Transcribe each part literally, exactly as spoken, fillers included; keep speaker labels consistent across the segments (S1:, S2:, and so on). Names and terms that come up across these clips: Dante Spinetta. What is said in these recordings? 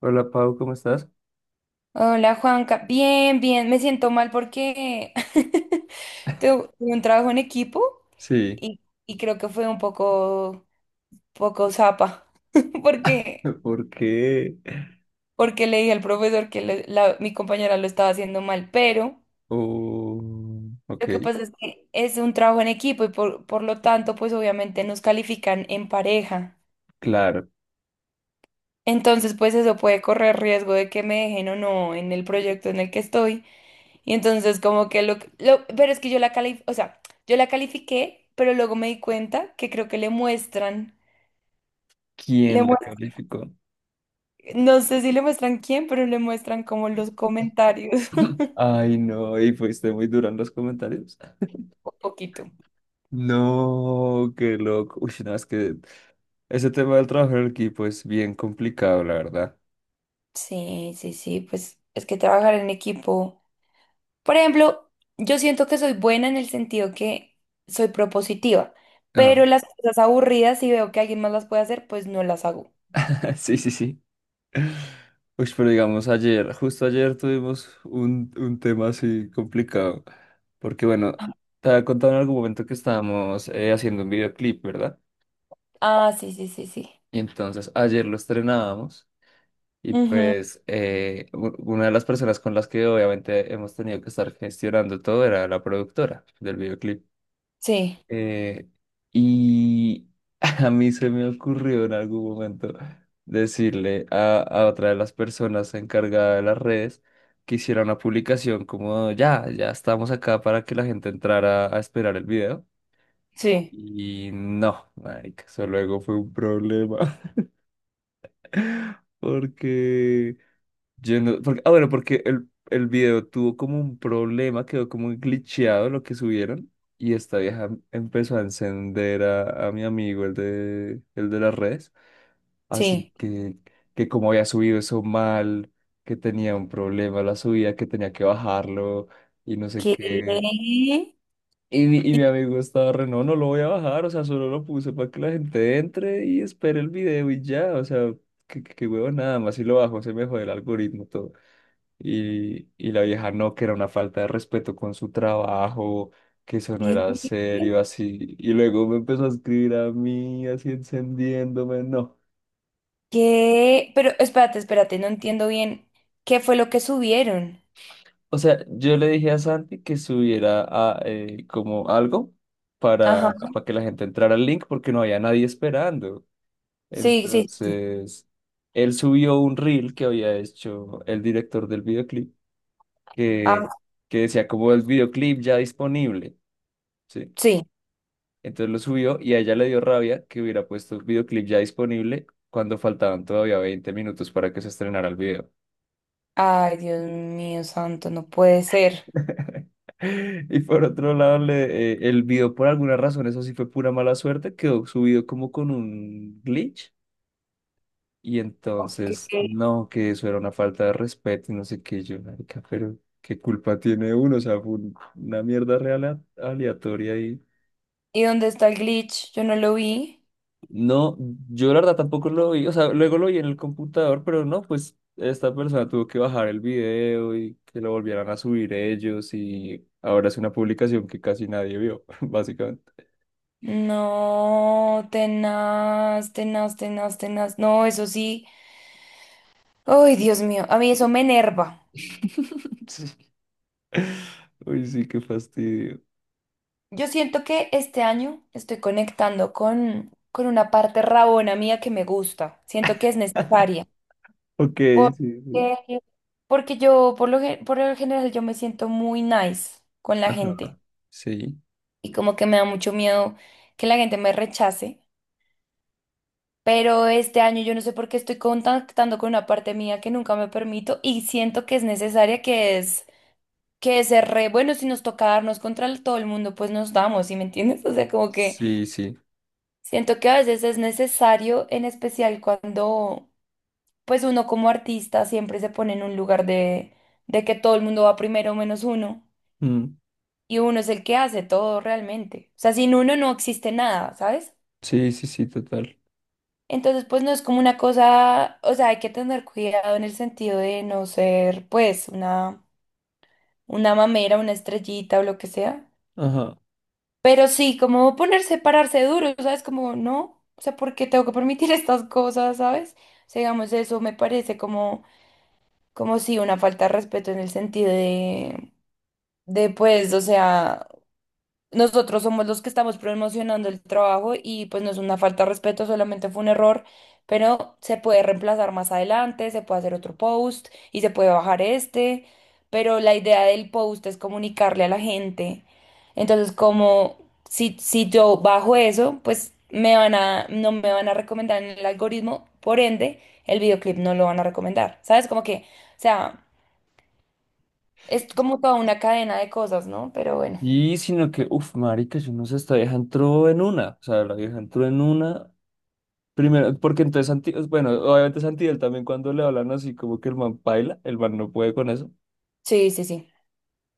S1: Hola Pau, ¿cómo estás?
S2: Hola Juanca, bien, bien, me siento mal porque tuve tuve un trabajo en equipo
S1: Sí,
S2: y, y creo que fue un poco, poco zapa, porque,
S1: ¿por qué?
S2: porque le dije al profesor que le- la- mi compañera lo estaba haciendo mal, pero
S1: Oh, ok,
S2: lo que pasa es que es un trabajo en equipo y por, por lo tanto, pues obviamente nos califican en pareja.
S1: claro.
S2: Entonces, pues eso puede correr riesgo de que me dejen o no en el proyecto en el que estoy. Y entonces como que lo, lo- pero es que yo la cali o sea, yo la califiqué, pero luego me di cuenta que creo que le muestran, le
S1: ¿Quién la
S2: muest-
S1: calificó?
S2: no sé si le muestran quién, pero le muestran como los comentarios.
S1: Ay, no, y fuiste muy duro en los comentarios.
S2: Un poquito.
S1: No, qué loco. Uy, no, es que ese tema del trabajo en equipo es bien complicado, la verdad.
S2: Sí, sí, sí, pues es que trabajar en equipo. Por ejemplo, yo siento que soy buena en el sentido que soy propositiva,
S1: Ah,
S2: pero las cosas aburridas, si veo que alguien más las puede hacer, pues no las hago.
S1: sí, sí, sí. Uy, pero digamos ayer, justo ayer tuvimos un, un tema así complicado, porque bueno, te había contado en algún momento que estábamos eh, haciendo un videoclip, ¿verdad?
S2: Ah, sí, sí, sí, sí.
S1: Y entonces ayer lo estrenábamos y
S2: Ujú,
S1: pues eh, u- una de las personas con las que obviamente hemos tenido que estar gestionando todo era la productora del videoclip.
S2: sí,
S1: Eh, y a mí se me ocurrió en algún momento decirle a, a otra de las personas encargada de las redes que hiciera una publicación como ya, ya estamos acá para que la gente entrara a esperar el video.
S2: sí,
S1: Y no, marica, eso luego fue un problema porque yo no- porque- ah, bueno, porque el, el video tuvo como un problema, quedó como glitcheado lo que subieron. Y esta vieja empezó a encender a, a mi amigo, el de, el de las redes. Así
S2: sí.
S1: que, que como había subido eso mal, que tenía un problema la subida, que tenía que bajarlo y no sé
S2: ¿Qué?
S1: qué.
S2: ¿Qué?
S1: Y mi, y mi amigo estaba re, no, no lo voy a bajar, o sea, solo lo puse para que la gente entre y espere el video y ya, o sea, que, que, que huevo nada más, si lo bajo se me jode el algoritmo, todo. Y, y la vieja no, que era una falta de respeto con su trabajo, que eso no era serio, así. Y luego me empezó a escribir a mí, así encendiéndome, no.
S2: ¿Qué? Pero espérate, espérate, no entiendo bien qué fue lo que subieron.
S1: O sea, yo le dije a Santi que subiera a, eh, como algo para,
S2: Ajá.
S1: para que la gente entrara al link porque no había nadie esperando.
S2: Sí, sí, sí.
S1: Entonces, él subió un reel que había hecho el director del videoclip que,
S2: Ah,
S1: que decía como el videoclip ya disponible. ¿Sí?
S2: sí.
S1: Entonces lo subió y a ella le dio rabia que hubiera puesto el videoclip ya disponible cuando faltaban todavía veinte minutos para que se estrenara el video.
S2: Ay, Dios mío santo, no puede ser.
S1: Y por otro lado, le- eh, el video por alguna razón, eso sí fue pura mala suerte, quedó subido como con un glitch. Y entonces,
S2: Ok.
S1: no, que eso era una falta de respeto y no sé qué, yo, marica, pero ¿qué culpa tiene uno? O sea, fue un- una mierda real aleatoria.
S2: ¿Y dónde está el glitch? Yo no lo vi.
S1: No, yo la verdad tampoco lo vi, o sea, luego lo vi en el computador, pero no, pues esta persona tuvo que bajar el video y que lo volvieran a subir ellos y ahora es una publicación que casi nadie vio, básicamente.
S2: No, tenaz, tenaz, tenaz, tenaz. No, eso sí. Ay, Dios mío, a mí eso me enerva.
S1: Sí. Uy, sí, qué fastidio.
S2: Yo siento que este año estoy conectando con, con una parte rabona mía que me gusta. Siento que es necesaria.
S1: Ok, sí, sí.
S2: Porque, porque yo, por lo, gen- por lo general, yo me siento muy nice con la
S1: Ajá.
S2: gente.
S1: Sí,
S2: Y como que me da mucho miedo que la gente me rechace. Pero este año yo no sé por qué estoy contactando con una parte mía que nunca me permito. Y siento que es necesaria, que es, que es ser re bueno. Si nos toca darnos contra el- todo el mundo, pues nos damos, ¿sí me entiendes? O sea, como que.
S1: sí, sí.
S2: Siento que a veces es necesario, en especial cuando pues uno como artista siempre se pone en un lugar de, de que todo el mundo va primero menos uno
S1: Mm.
S2: y uno es el que hace todo realmente. O sea, sin uno no existe nada, ¿sabes?
S1: Sí, sí, sí, total.
S2: Entonces pues no es como una cosa, o sea, hay que tener cuidado en el sentido de no ser pues una, una mamera, una estrellita o lo que sea.
S1: Ajá.
S2: Pero sí, como ponerse, pararse duro, ¿sabes? Como, no, o sea, ¿por qué tengo que permitir estas cosas, ¿sabes? O sea, digamos, eso me parece como, como sí, una falta de respeto en el sentido de, de pues, o sea... Nosotros somos los que estamos promocionando el trabajo y pues no es una falta de respeto, solamente fue un error, pero se puede reemplazar más adelante, se puede hacer otro post y se puede bajar este, pero la idea del post es comunicarle a la gente. Entonces, como si, si yo bajo eso, pues me van a, no me van a recomendar en el algoritmo, por ende, el videoclip no lo van a recomendar. ¿Sabes? Como que, o sea, es como toda una cadena de cosas, ¿no? Pero bueno,
S1: Y sino que, uff, marica, yo no sé, esta vieja entró en una. O sea, la vieja entró en una. Primero, porque entonces, Santi- bueno, obviamente Santiel también cuando le hablan así como que el man baila, el man no puede con eso.
S2: sí, sí, sí,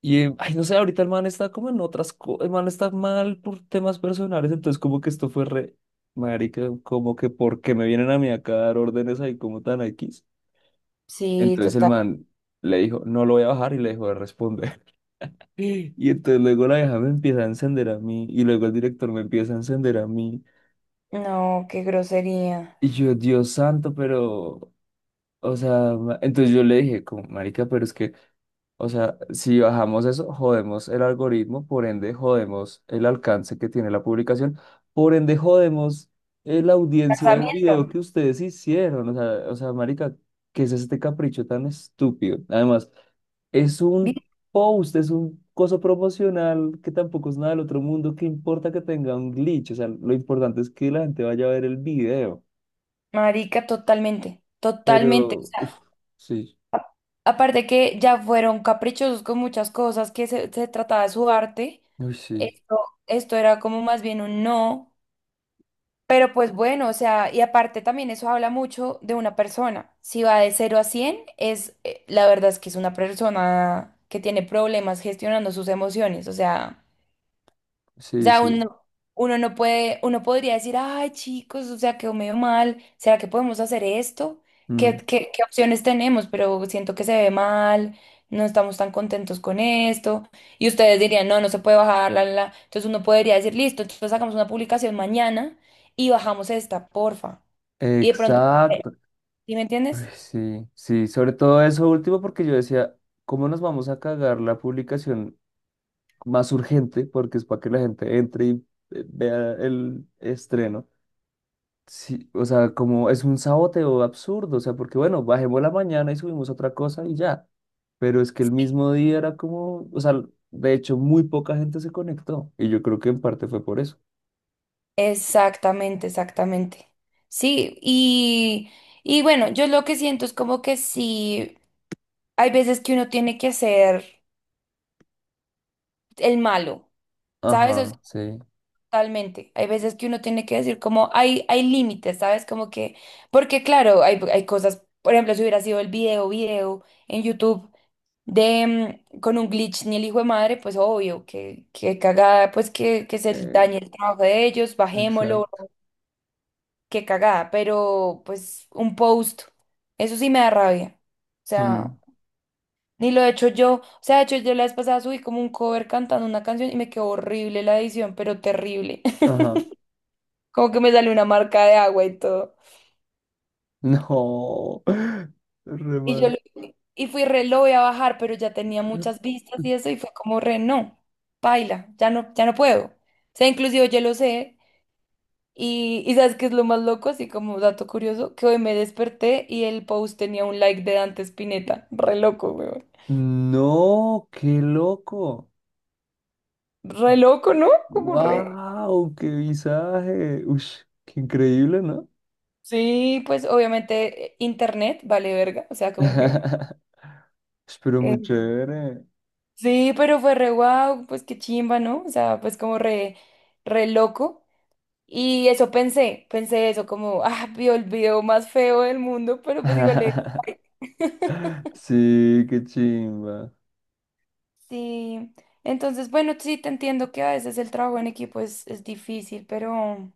S1: Y, eh, ay, no sé, ahorita el man está como en otras cosas, el man está mal por temas personales, entonces como que esto fue re, marica, como que porque me vienen a mí acá a dar órdenes ahí como tan X.
S2: sí,
S1: Entonces el
S2: total.
S1: man le dijo, no lo voy a bajar y le dejó de responder. Y entonces luego la vieja me empieza a encender a mí y luego el director me empieza a encender a mí.
S2: No, qué grosería.
S1: Y yo, Dios santo, pero... O sea, ma- entonces yo le dije, como, marica, pero es que, o sea, si bajamos eso, jodemos el algoritmo, por ende jodemos el alcance que tiene la publicación, por ende jodemos eh, la audiencia del
S2: Casamiento.
S1: video que ustedes hicieron. O sea, o sea, marica, ¿qué es este capricho tan estúpido? Además, es
S2: Vi-
S1: un post, es un coso promocional que tampoco es nada del otro mundo, ¿qué importa que tenga un glitch? O sea, lo importante es que la gente vaya a ver el video.
S2: Marica, totalmente, totalmente. O
S1: Pero,
S2: sea,
S1: uff, sí,
S2: a- aparte que ya fueron caprichosos con muchas cosas, que se, se trataba de su arte,
S1: uy, sí.
S2: esto, esto era como más bien un no, pero pues bueno, o sea, y aparte también eso habla mucho de una persona. Si va de cero a cien, es, eh, la verdad es que es una persona que tiene problemas gestionando sus emociones, o sea... O
S1: Sí,
S2: sea,
S1: sí.
S2: uno, uno no puede, uno podría decir, ay, chicos, o sea, quedó medio mal, ¿será que podemos hacer esto? ¿Qué,
S1: Mm.
S2: qué, ¿qué opciones tenemos? Pero siento que se ve mal, no estamos tan contentos con esto. Y ustedes dirían, no, no se puede bajar, la, la. la". Entonces uno podría decir, listo, entonces hagamos una publicación mañana y bajamos esta, porfa. Y de pronto,
S1: Exacto.
S2: ¿sí me
S1: Ay,
S2: entiendes?
S1: sí, sí, sobre todo eso último porque yo decía, ¿cómo nos vamos a cagar la publicación más urgente? Porque es para que la gente entre y eh, vea el estreno. Sí, o sea, como es un saboteo absurdo, o sea, porque bueno, bajemos la mañana y subimos otra cosa y ya. Pero es que el mismo día era como, o sea, de hecho muy poca gente se conectó y yo creo que en parte fue por eso.
S2: Exactamente, exactamente. Sí, y, y bueno, yo lo que siento es como que sí. Hay veces que uno tiene que ser el malo, ¿sabes? O sea,
S1: Ajá, sí.
S2: totalmente. Hay veces que uno tiene que decir como hay, hay límites, ¿sabes? Como que, porque claro, hay, hay cosas, por ejemplo, si hubiera sido el video, video en YouTube de mm, con un glitch ni el hijo de madre, pues obvio, que, que cagada, pues que, que se
S1: Eh,
S2: dañe el trabajo de ellos, bajémoslo,
S1: exacto.
S2: que cagada, pero pues un post, eso sí me da rabia. O sea.
S1: Mm.
S2: Ni lo he hecho yo. O sea, de hecho, yo la vez pasada subí como un cover cantando una canción y me quedó horrible la edición, pero terrible.
S1: Ajá.
S2: Como que me salió una marca de agua y todo.
S1: No, re
S2: Y yo
S1: mal.
S2: lo- y fui re, lo voy a bajar, pero ya tenía muchas vistas y eso, y fue como re, no, paila, ya no, ya no puedo. O sea, inclusive yo lo sé. Y, y ¿sabes qué es lo más loco? Así como dato curioso, que hoy me desperté y el post tenía un like de Dante Spinetta. Re loco, weón.
S1: No, qué loco.
S2: Re loco, ¿no? Como re.
S1: Wow, qué visaje. Uy, qué increíble, ¿no?
S2: Sí, pues obviamente eh, internet vale verga, o sea, como que...
S1: Espero muy
S2: eh,
S1: chévere.
S2: sí, pero fue re guau, pues qué chimba, ¿no? O sea, pues como re, re loco. Y eso pensé, pensé eso, como, ah, vio el video más feo del mundo, pero pues digo, le...
S1: Sí, qué chimba.
S2: Sí, entonces, bueno, sí, te entiendo que a veces el trabajo en equipo es, es difícil, pero,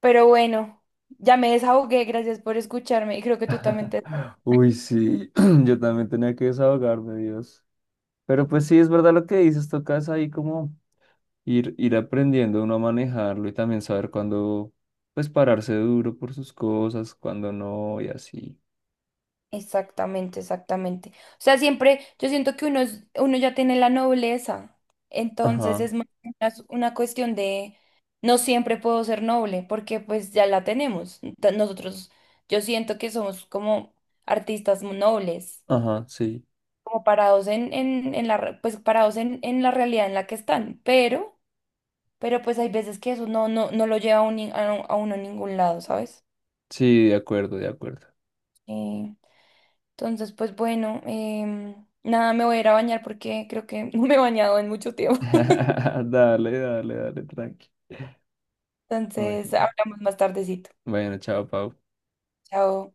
S2: pero bueno, ya me desahogué, gracias por escucharme y creo que tú también te...
S1: Uy, sí, yo también tenía que desahogarme, Dios. Pero pues sí, es verdad lo que dices, tocas ahí como ir, ir aprendiendo uno a manejarlo y también saber cuándo, pues, pararse duro por sus cosas, cuándo no y así.
S2: Exactamente, exactamente. O sea, siempre yo siento que uno, es- uno ya tiene la nobleza, entonces
S1: Ajá,
S2: es más una, una cuestión de no siempre puedo ser noble porque pues ya la tenemos. Ento- Nosotros, yo siento que somos como artistas mu- nobles,
S1: ajá, sí,
S2: como parados en, en, en la, re- pues parados en, en la realidad en la que están, pero, pero pues hay veces que eso no, no, no lo lleva a, un, ni- a, a uno a ningún lado, ¿sabes?
S1: sí, de acuerdo, de acuerdo.
S2: Eh, Entonces, pues bueno, em, nada, me voy a ir a bañar porque creo que no me he bañado en mucho tiempo.
S1: Dale, dale, dale, tranqui.
S2: Entonces,
S1: Bueno,
S2: hablamos más tardecito.
S1: bueno, chao, Pau.
S2: Chao.